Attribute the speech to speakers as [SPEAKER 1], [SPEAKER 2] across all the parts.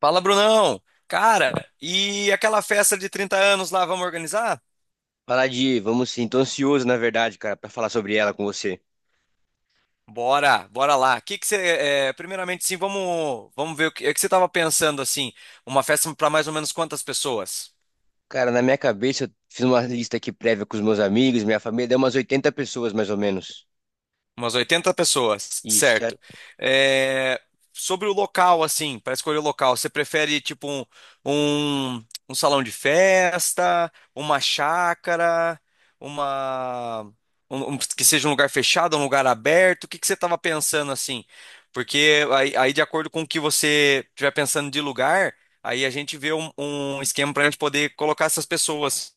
[SPEAKER 1] Fala, Brunão! Cara, e aquela festa de 30 anos lá, vamos organizar?
[SPEAKER 2] Vamos sim, tô ansioso, na verdade, cara, pra falar sobre ela com você.
[SPEAKER 1] Bora, bora lá. Que você, primeiramente, sim, vamos ver o que, é que você estava pensando assim, uma festa para mais ou menos quantas pessoas?
[SPEAKER 2] Cara, na minha cabeça, eu fiz uma lista aqui prévia com os meus amigos, minha família, deu umas 80 pessoas, mais ou menos.
[SPEAKER 1] Umas 80 pessoas,
[SPEAKER 2] Isso.
[SPEAKER 1] certo. É, sobre o local, assim, para escolher o local, você prefere tipo um salão de festa, uma chácara, uma que seja um lugar fechado, um lugar aberto? O que que você estava pensando assim? Porque aí, de acordo com o que você estiver pensando de lugar, aí a gente vê um esquema para a gente poder colocar essas pessoas.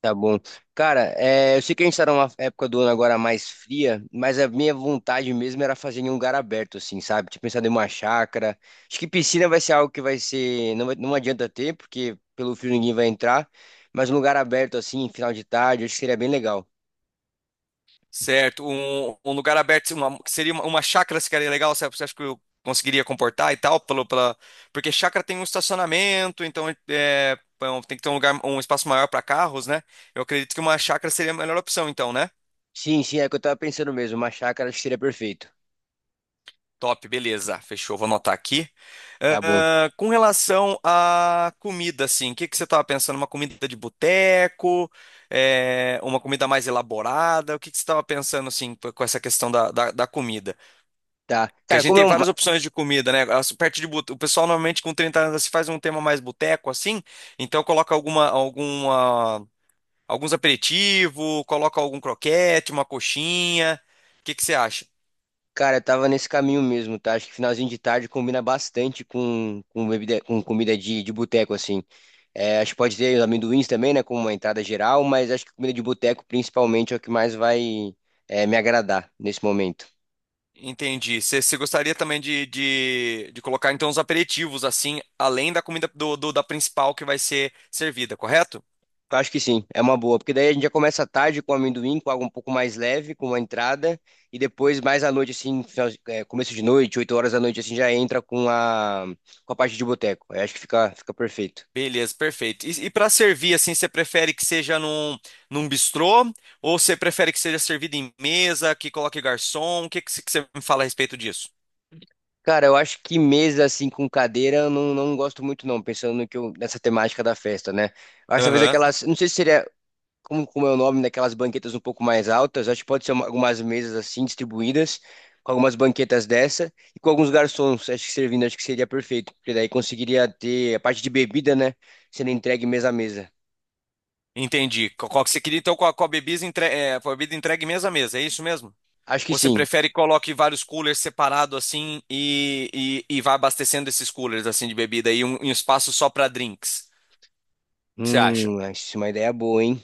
[SPEAKER 2] Tá bom. Cara, eu sei que a gente tá numa época do ano agora mais fria, mas a minha vontade mesmo era fazer em um lugar aberto, assim, sabe? Tinha pensado em uma chácara. Acho que piscina vai ser algo que vai ser, não adianta ter, porque pelo frio ninguém vai entrar, mas um lugar aberto, assim, final de tarde, acho que seria bem legal.
[SPEAKER 1] Certo, um lugar aberto, que seria uma chácara seria legal, você acha que eu conseguiria comportar e tal, porque chácara tem um estacionamento, então bom, tem que ter um lugar, um espaço maior para carros, né? Eu acredito que uma chácara seria a melhor opção, então, né?
[SPEAKER 2] Sim, sim, é o que eu tava pensando mesmo. Uma chácara acho que seria perfeito.
[SPEAKER 1] Top, beleza, fechou, vou anotar aqui.
[SPEAKER 2] Tá bom.
[SPEAKER 1] Ah, com relação à comida, assim, o que que você estava pensando? Uma comida de boteco, uma comida mais elaborada? O que que você estava pensando, assim, com essa questão da comida?
[SPEAKER 2] Tá.
[SPEAKER 1] Que a
[SPEAKER 2] Cara,
[SPEAKER 1] gente
[SPEAKER 2] como é
[SPEAKER 1] tem
[SPEAKER 2] um.
[SPEAKER 1] várias opções de comida, né? As parte de bute- O pessoal normalmente com 30 anos se faz um tema mais boteco assim, então coloca alguns aperitivos, coloca algum croquete, uma coxinha. O que que você acha?
[SPEAKER 2] Cara, eu tava nesse caminho mesmo, tá? Acho que finalzinho de tarde combina bastante com, bebida, com comida de, boteco, assim. Acho que pode ter os amendoins também, né? Como uma entrada geral, mas acho que comida de boteco, principalmente, é o que mais vai, me agradar nesse momento.
[SPEAKER 1] Entendi. Você gostaria também de colocar então os aperitivos assim, além da comida da principal que vai ser servida, correto?
[SPEAKER 2] Eu acho que sim, é uma boa, porque daí a gente já começa à tarde com amendoim, com algo um pouco mais leve, com uma entrada, e depois mais à noite, assim, começo de noite, 8 horas da noite, assim, já entra com a, parte de boteco. Eu acho que fica, perfeito.
[SPEAKER 1] Beleza, perfeito. E para servir, assim, você prefere que seja num bistrô ou você prefere que seja servido em mesa, que coloque garçom? O que você me fala a respeito disso?
[SPEAKER 2] Cara, eu acho que mesa assim com cadeira eu não, gosto muito não, pensando no que nessa temática da festa, né? Eu acho talvez
[SPEAKER 1] Aham,
[SPEAKER 2] aquelas, não sei se seria como, é o nome daquelas banquetas um pouco mais altas, acho que pode ser algumas mesas assim distribuídas, com algumas banquetas dessa e com alguns garçons, acho que servindo, acho que seria perfeito, porque daí conseguiria ter a parte de bebida, né, sendo entregue mesa a mesa.
[SPEAKER 1] entendi. Qual que você queria, então, com a bebida, com a bebida entregue mesa a mesa, é isso mesmo?
[SPEAKER 2] Acho que
[SPEAKER 1] Ou você
[SPEAKER 2] sim.
[SPEAKER 1] prefere que coloque vários coolers separados, assim, e vá abastecendo esses coolers, assim, de bebida e um espaço só para drinks? O que você acha?
[SPEAKER 2] Acho isso é uma ideia boa, hein?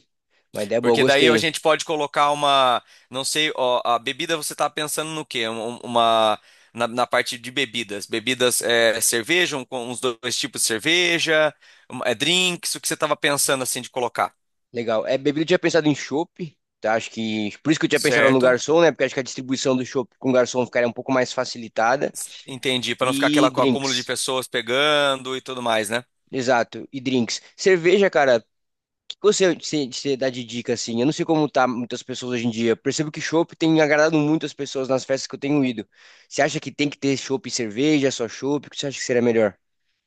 [SPEAKER 2] Uma ideia boa,
[SPEAKER 1] Porque daí a
[SPEAKER 2] gostei.
[SPEAKER 1] gente pode colocar uma, não sei, ó, a bebida você tá pensando no quê? Na parte de bebidas. Bebidas, cerveja, com uns dois tipos de cerveja, drinks, o que você tava pensando assim de colocar,
[SPEAKER 2] Legal. Bebida eu tinha pensado em chopp, tá? Acho que por isso que eu tinha pensado no
[SPEAKER 1] certo?
[SPEAKER 2] garçom, né? Porque acho que a distribuição do chopp com garçom ficaria um pouco mais facilitada.
[SPEAKER 1] Entendi, para não ficar
[SPEAKER 2] E
[SPEAKER 1] aquela acúmulo de
[SPEAKER 2] drinks.
[SPEAKER 1] pessoas pegando e tudo mais, né?
[SPEAKER 2] Exato, e drinks. Cerveja, cara, o que você dá de dica assim? Eu não sei como tá muitas pessoas hoje em dia. Percebo que chopp tem agradado muitas pessoas nas festas que eu tenho ido. Você acha que tem que ter chopp e cerveja, só chopp? O que você acha que seria melhor?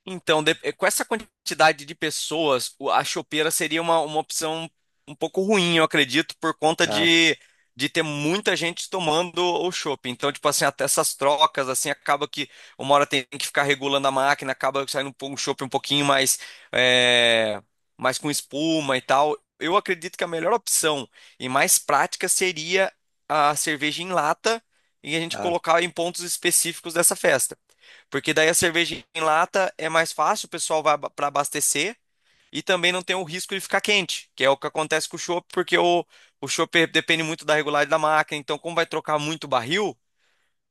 [SPEAKER 1] Então, com essa quantidade de pessoas, a chopeira seria uma opção um pouco ruim, eu acredito, por conta
[SPEAKER 2] Tá,
[SPEAKER 1] de ter muita gente tomando o chopp. Então, tipo assim, até essas trocas, assim, acaba que uma hora tem que ficar regulando a máquina, acaba saindo um chopp um pouquinho mais, é, mais com espuma e tal. Eu acredito que a melhor opção e mais prática seria a cerveja em lata e a gente
[SPEAKER 2] tá,
[SPEAKER 1] colocar em pontos específicos dessa festa. Porque daí a cerveja em lata é mais fácil, o pessoal vai para abastecer e também não tem o risco de ficar quente, que é o que acontece com o chopp, porque o chopp depende muito da regularidade da máquina. Então, como vai trocar muito barril,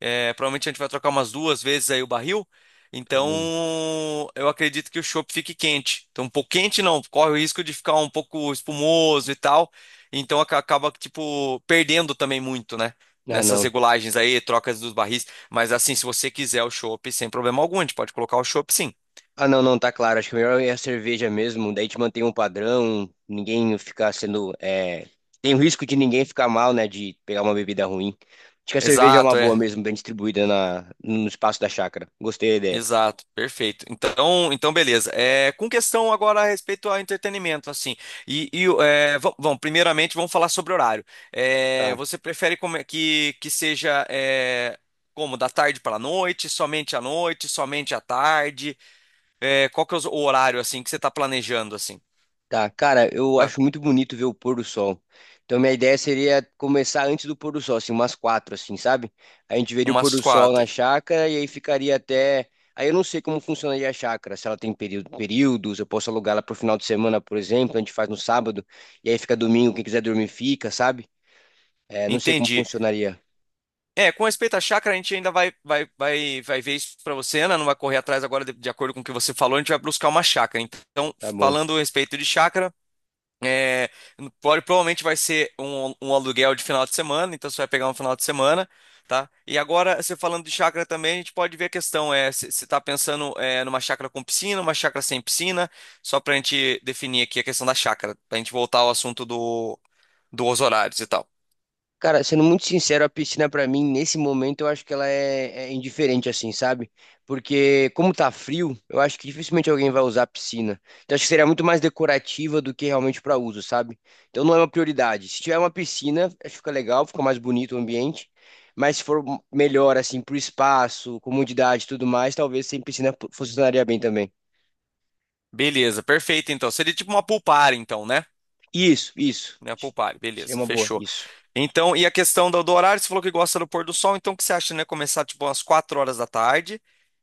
[SPEAKER 1] provavelmente a gente vai trocar umas duas vezes aí o barril.
[SPEAKER 2] tá
[SPEAKER 1] Então,
[SPEAKER 2] bom.
[SPEAKER 1] eu acredito que o chopp fique quente. Então, um pouco quente não, corre o risco de ficar um pouco espumoso e tal. Então, acaba, tipo, perdendo também muito, né?
[SPEAKER 2] Ah,
[SPEAKER 1] Nessas
[SPEAKER 2] não.
[SPEAKER 1] regulagens aí, trocas dos barris. Mas, assim, se você quiser o chopp, sem problema algum, a gente pode colocar o chopp, sim.
[SPEAKER 2] Ah, não, não, tá claro. Acho que o melhor é a cerveja mesmo. Daí te mantém um padrão, ninguém ficar sendo. Tem o risco de ninguém ficar mal, né? De pegar uma bebida ruim. Acho que a cerveja é uma
[SPEAKER 1] Exato, é.
[SPEAKER 2] boa mesmo, bem distribuída no espaço da chácara. Gostei da ideia.
[SPEAKER 1] Exato, perfeito. Então, então beleza. Com questão agora a respeito ao entretenimento, assim. Vamos, primeiramente, vamos falar sobre horário.
[SPEAKER 2] Tá.
[SPEAKER 1] Você prefere como é que seja como da tarde para a noite, somente à tarde? Qual que é o horário assim que você está planejando assim?
[SPEAKER 2] Tá, cara, eu
[SPEAKER 1] Tá?
[SPEAKER 2] acho muito bonito ver o pôr do sol. Então, minha ideia seria começar antes do pôr do sol, assim, umas quatro, assim, sabe? A gente veria o pôr
[SPEAKER 1] Umas
[SPEAKER 2] do sol na
[SPEAKER 1] 4.
[SPEAKER 2] chácara e aí ficaria até. Aí eu não sei como funcionaria a chácara, se ela tem período, períodos, eu posso alugar ela pro final de semana, por exemplo, a gente faz no sábado, e aí fica domingo, quem quiser dormir fica, sabe? Não sei como
[SPEAKER 1] Entendi.
[SPEAKER 2] funcionaria.
[SPEAKER 1] Com respeito à chácara, a gente ainda vai ver isso para você, Ana. Não vai correr atrás agora, de acordo com o que você falou, a gente vai buscar uma chácara. Então,
[SPEAKER 2] Tá bom.
[SPEAKER 1] falando a respeito de chácara. É, Provavelmente vai ser um aluguel de final de semana, então você vai pegar um final de semana, tá? E agora, você falando de chácara também, a gente pode ver a questão, se você está pensando numa chácara com piscina, uma chácara sem piscina, só para a gente definir aqui a questão da chácara, para a gente voltar ao assunto dos horários e tal.
[SPEAKER 2] Cara, sendo muito sincero, a piscina pra mim, nesse momento, eu acho que ela é indiferente, assim, sabe? Porque, como tá frio, eu acho que dificilmente alguém vai usar a piscina. Então, acho que seria muito mais decorativa do que realmente pra uso, sabe? Então, não é uma prioridade. Se tiver uma piscina, acho que fica legal, fica mais bonito o ambiente. Mas se for melhor, assim, pro espaço, comodidade e tudo mais, talvez sem piscina funcionaria bem também.
[SPEAKER 1] Beleza, perfeito então. Seria tipo uma pool party, então, né?
[SPEAKER 2] Isso, isso.
[SPEAKER 1] Né, Poupar,
[SPEAKER 2] Seria
[SPEAKER 1] beleza,
[SPEAKER 2] uma boa,
[SPEAKER 1] fechou.
[SPEAKER 2] isso.
[SPEAKER 1] Então, e a questão do horário, você falou que gosta do pôr do sol, então o que você acha, né? Começar tipo umas 4 horas da tarde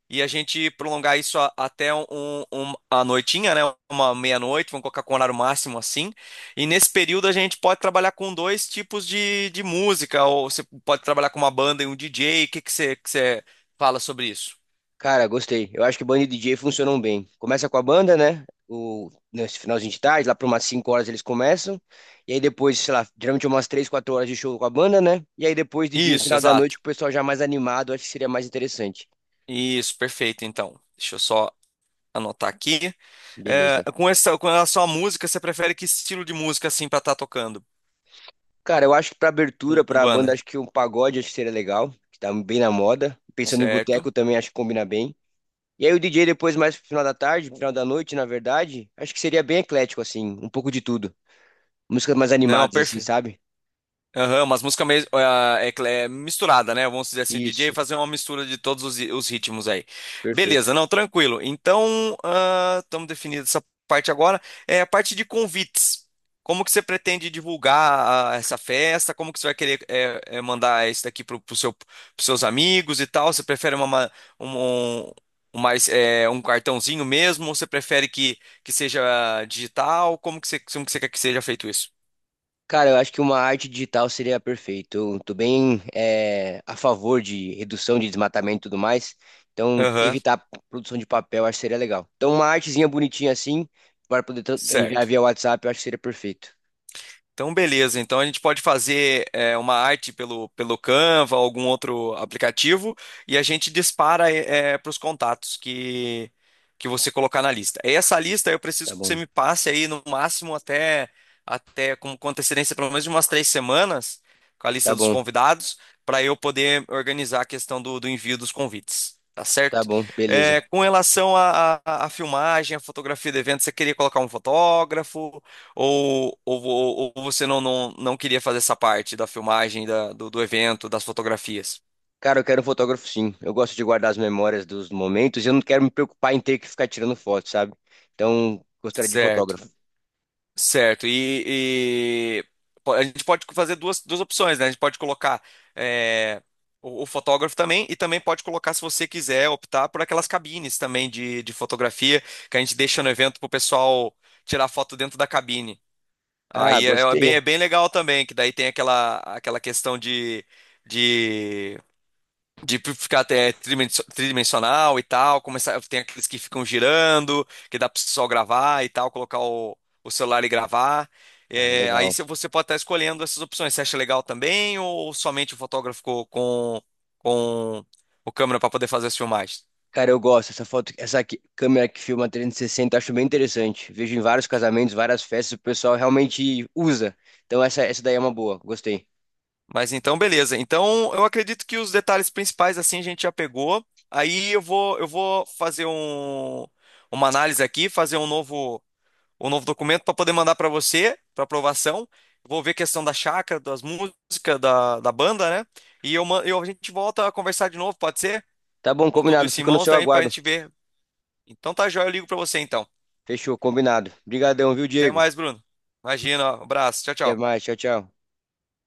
[SPEAKER 1] e a gente prolongar isso até a noitinha, né? Uma meia-noite, vamos colocar com horário máximo assim. E nesse período a gente pode trabalhar com dois tipos de música, ou você pode trabalhar com uma banda e um DJ. O que que você fala sobre isso?
[SPEAKER 2] Cara, gostei. Eu acho que banda e DJ funcionam bem. Começa com a banda, né? Nesse finalzinho de tarde, lá por umas 5 horas eles começam. E aí depois, sei lá, geralmente umas 3, 4 horas de show com a banda, né? E aí depois DJ no
[SPEAKER 1] Isso,
[SPEAKER 2] final da noite,
[SPEAKER 1] exato.
[SPEAKER 2] com o pessoal já mais animado, acho que seria mais interessante.
[SPEAKER 1] Isso, perfeito, então. Deixa eu só anotar aqui.
[SPEAKER 2] Beleza.
[SPEAKER 1] Com essa, com relação à música, você prefere que estilo de música assim pra estar tocando?
[SPEAKER 2] Cara, eu acho que pra abertura,
[SPEAKER 1] Um
[SPEAKER 2] pra banda,
[SPEAKER 1] banda,
[SPEAKER 2] acho que um pagode acho que seria legal, que tá bem na moda. Pensando em
[SPEAKER 1] certo?
[SPEAKER 2] boteco também, acho que combina bem. E aí o DJ depois, mais pro final da tarde, pro final da noite, na verdade, acho que seria bem eclético, assim, um pouco de tudo. Músicas mais
[SPEAKER 1] Não,
[SPEAKER 2] animadas, assim,
[SPEAKER 1] perfeito.
[SPEAKER 2] sabe?
[SPEAKER 1] Aham, umas músicas meio é misturada, né? Vamos dizer assim, o DJ
[SPEAKER 2] Isso.
[SPEAKER 1] fazer uma mistura de todos os ritmos aí. Beleza,
[SPEAKER 2] Perfeito.
[SPEAKER 1] não, tranquilo. Então, estamos definindo essa parte agora. É a parte de convites. Como que você pretende divulgar essa festa? Como que você vai querer mandar isso daqui pros seus amigos e tal? Você prefere uma, ma- um- um mais, eh, um cartãozinho mesmo? Ou você prefere que seja digital? Como que você quer que seja feito isso?
[SPEAKER 2] Cara, eu acho que uma arte digital seria perfeito. Eu tô bem a favor de redução de desmatamento e tudo mais. Então,
[SPEAKER 1] Aham,
[SPEAKER 2] evitar a produção de papel, eu acho que seria legal. Então, uma artezinha bonitinha assim, para poder enviar
[SPEAKER 1] certo.
[SPEAKER 2] via WhatsApp, eu acho que seria perfeito.
[SPEAKER 1] Então, beleza. Então, a gente pode fazer uma arte pelo Canva, algum outro aplicativo, e a gente dispara para os contatos que você colocar na lista. Essa lista eu preciso
[SPEAKER 2] Tá
[SPEAKER 1] que você
[SPEAKER 2] bom,
[SPEAKER 1] me passe aí no máximo até com antecedência, pelo menos de umas 3 semanas, com a lista
[SPEAKER 2] tá
[SPEAKER 1] dos
[SPEAKER 2] bom,
[SPEAKER 1] convidados, para eu poder organizar a questão do envio dos convites. Tá
[SPEAKER 2] tá
[SPEAKER 1] certo?
[SPEAKER 2] bom, beleza.
[SPEAKER 1] Com relação à filmagem, à fotografia do evento, você queria colocar um fotógrafo? Ou você não queria fazer essa parte da filmagem, do evento, das fotografias?
[SPEAKER 2] Cara, eu quero um fotógrafo sim. Eu gosto de guardar as memórias dos momentos e eu não quero me preocupar em ter que ficar tirando foto, sabe? Então, gostaria de
[SPEAKER 1] Certo,
[SPEAKER 2] fotógrafo.
[SPEAKER 1] certo. A gente pode fazer duas opções, né? A gente pode colocar é, o fotógrafo também, e também pode colocar, se você quiser, optar por aquelas cabines também de fotografia que a gente deixa no evento para o pessoal tirar foto dentro da cabine.
[SPEAKER 2] Ah,
[SPEAKER 1] Aí é é bem, é
[SPEAKER 2] gostei.
[SPEAKER 1] bem legal também, que daí tem aquela questão de De ficar até tridimensional e tal, começar, tem aqueles que ficam girando, que dá para só gravar e tal, colocar o celular e gravar.
[SPEAKER 2] Ah,
[SPEAKER 1] É, aí
[SPEAKER 2] legal.
[SPEAKER 1] se- Você pode estar escolhendo essas opções. Você acha legal também ou somente o fotógrafo com o câmera para poder fazer as filmagens?
[SPEAKER 2] Cara, eu gosto. Essa foto, câmera que filma 360, eu acho bem interessante. Vejo em vários casamentos, várias festas, o pessoal realmente usa. Então essa daí é uma boa. Gostei.
[SPEAKER 1] Mas então, beleza. Então, eu acredito que os detalhes principais assim a gente já pegou. Aí eu vou fazer uma análise aqui, fazer um novo o novo documento para poder mandar para você, para aprovação. Vou ver a questão da chácara, das músicas, da banda, né? A gente volta a conversar de novo, pode ser?
[SPEAKER 2] Tá bom,
[SPEAKER 1] Com tudo
[SPEAKER 2] combinado.
[SPEAKER 1] isso em
[SPEAKER 2] Fico no
[SPEAKER 1] mãos,
[SPEAKER 2] seu
[SPEAKER 1] daí para a
[SPEAKER 2] aguardo.
[SPEAKER 1] gente ver. Então tá joia, eu ligo para você então.
[SPEAKER 2] Fechou, combinado. Obrigadão, viu,
[SPEAKER 1] Até
[SPEAKER 2] Diego?
[SPEAKER 1] mais, Bruno. Imagina, ó, abraço, tchau,
[SPEAKER 2] Até
[SPEAKER 1] tchau.
[SPEAKER 2] mais. Tchau, tchau.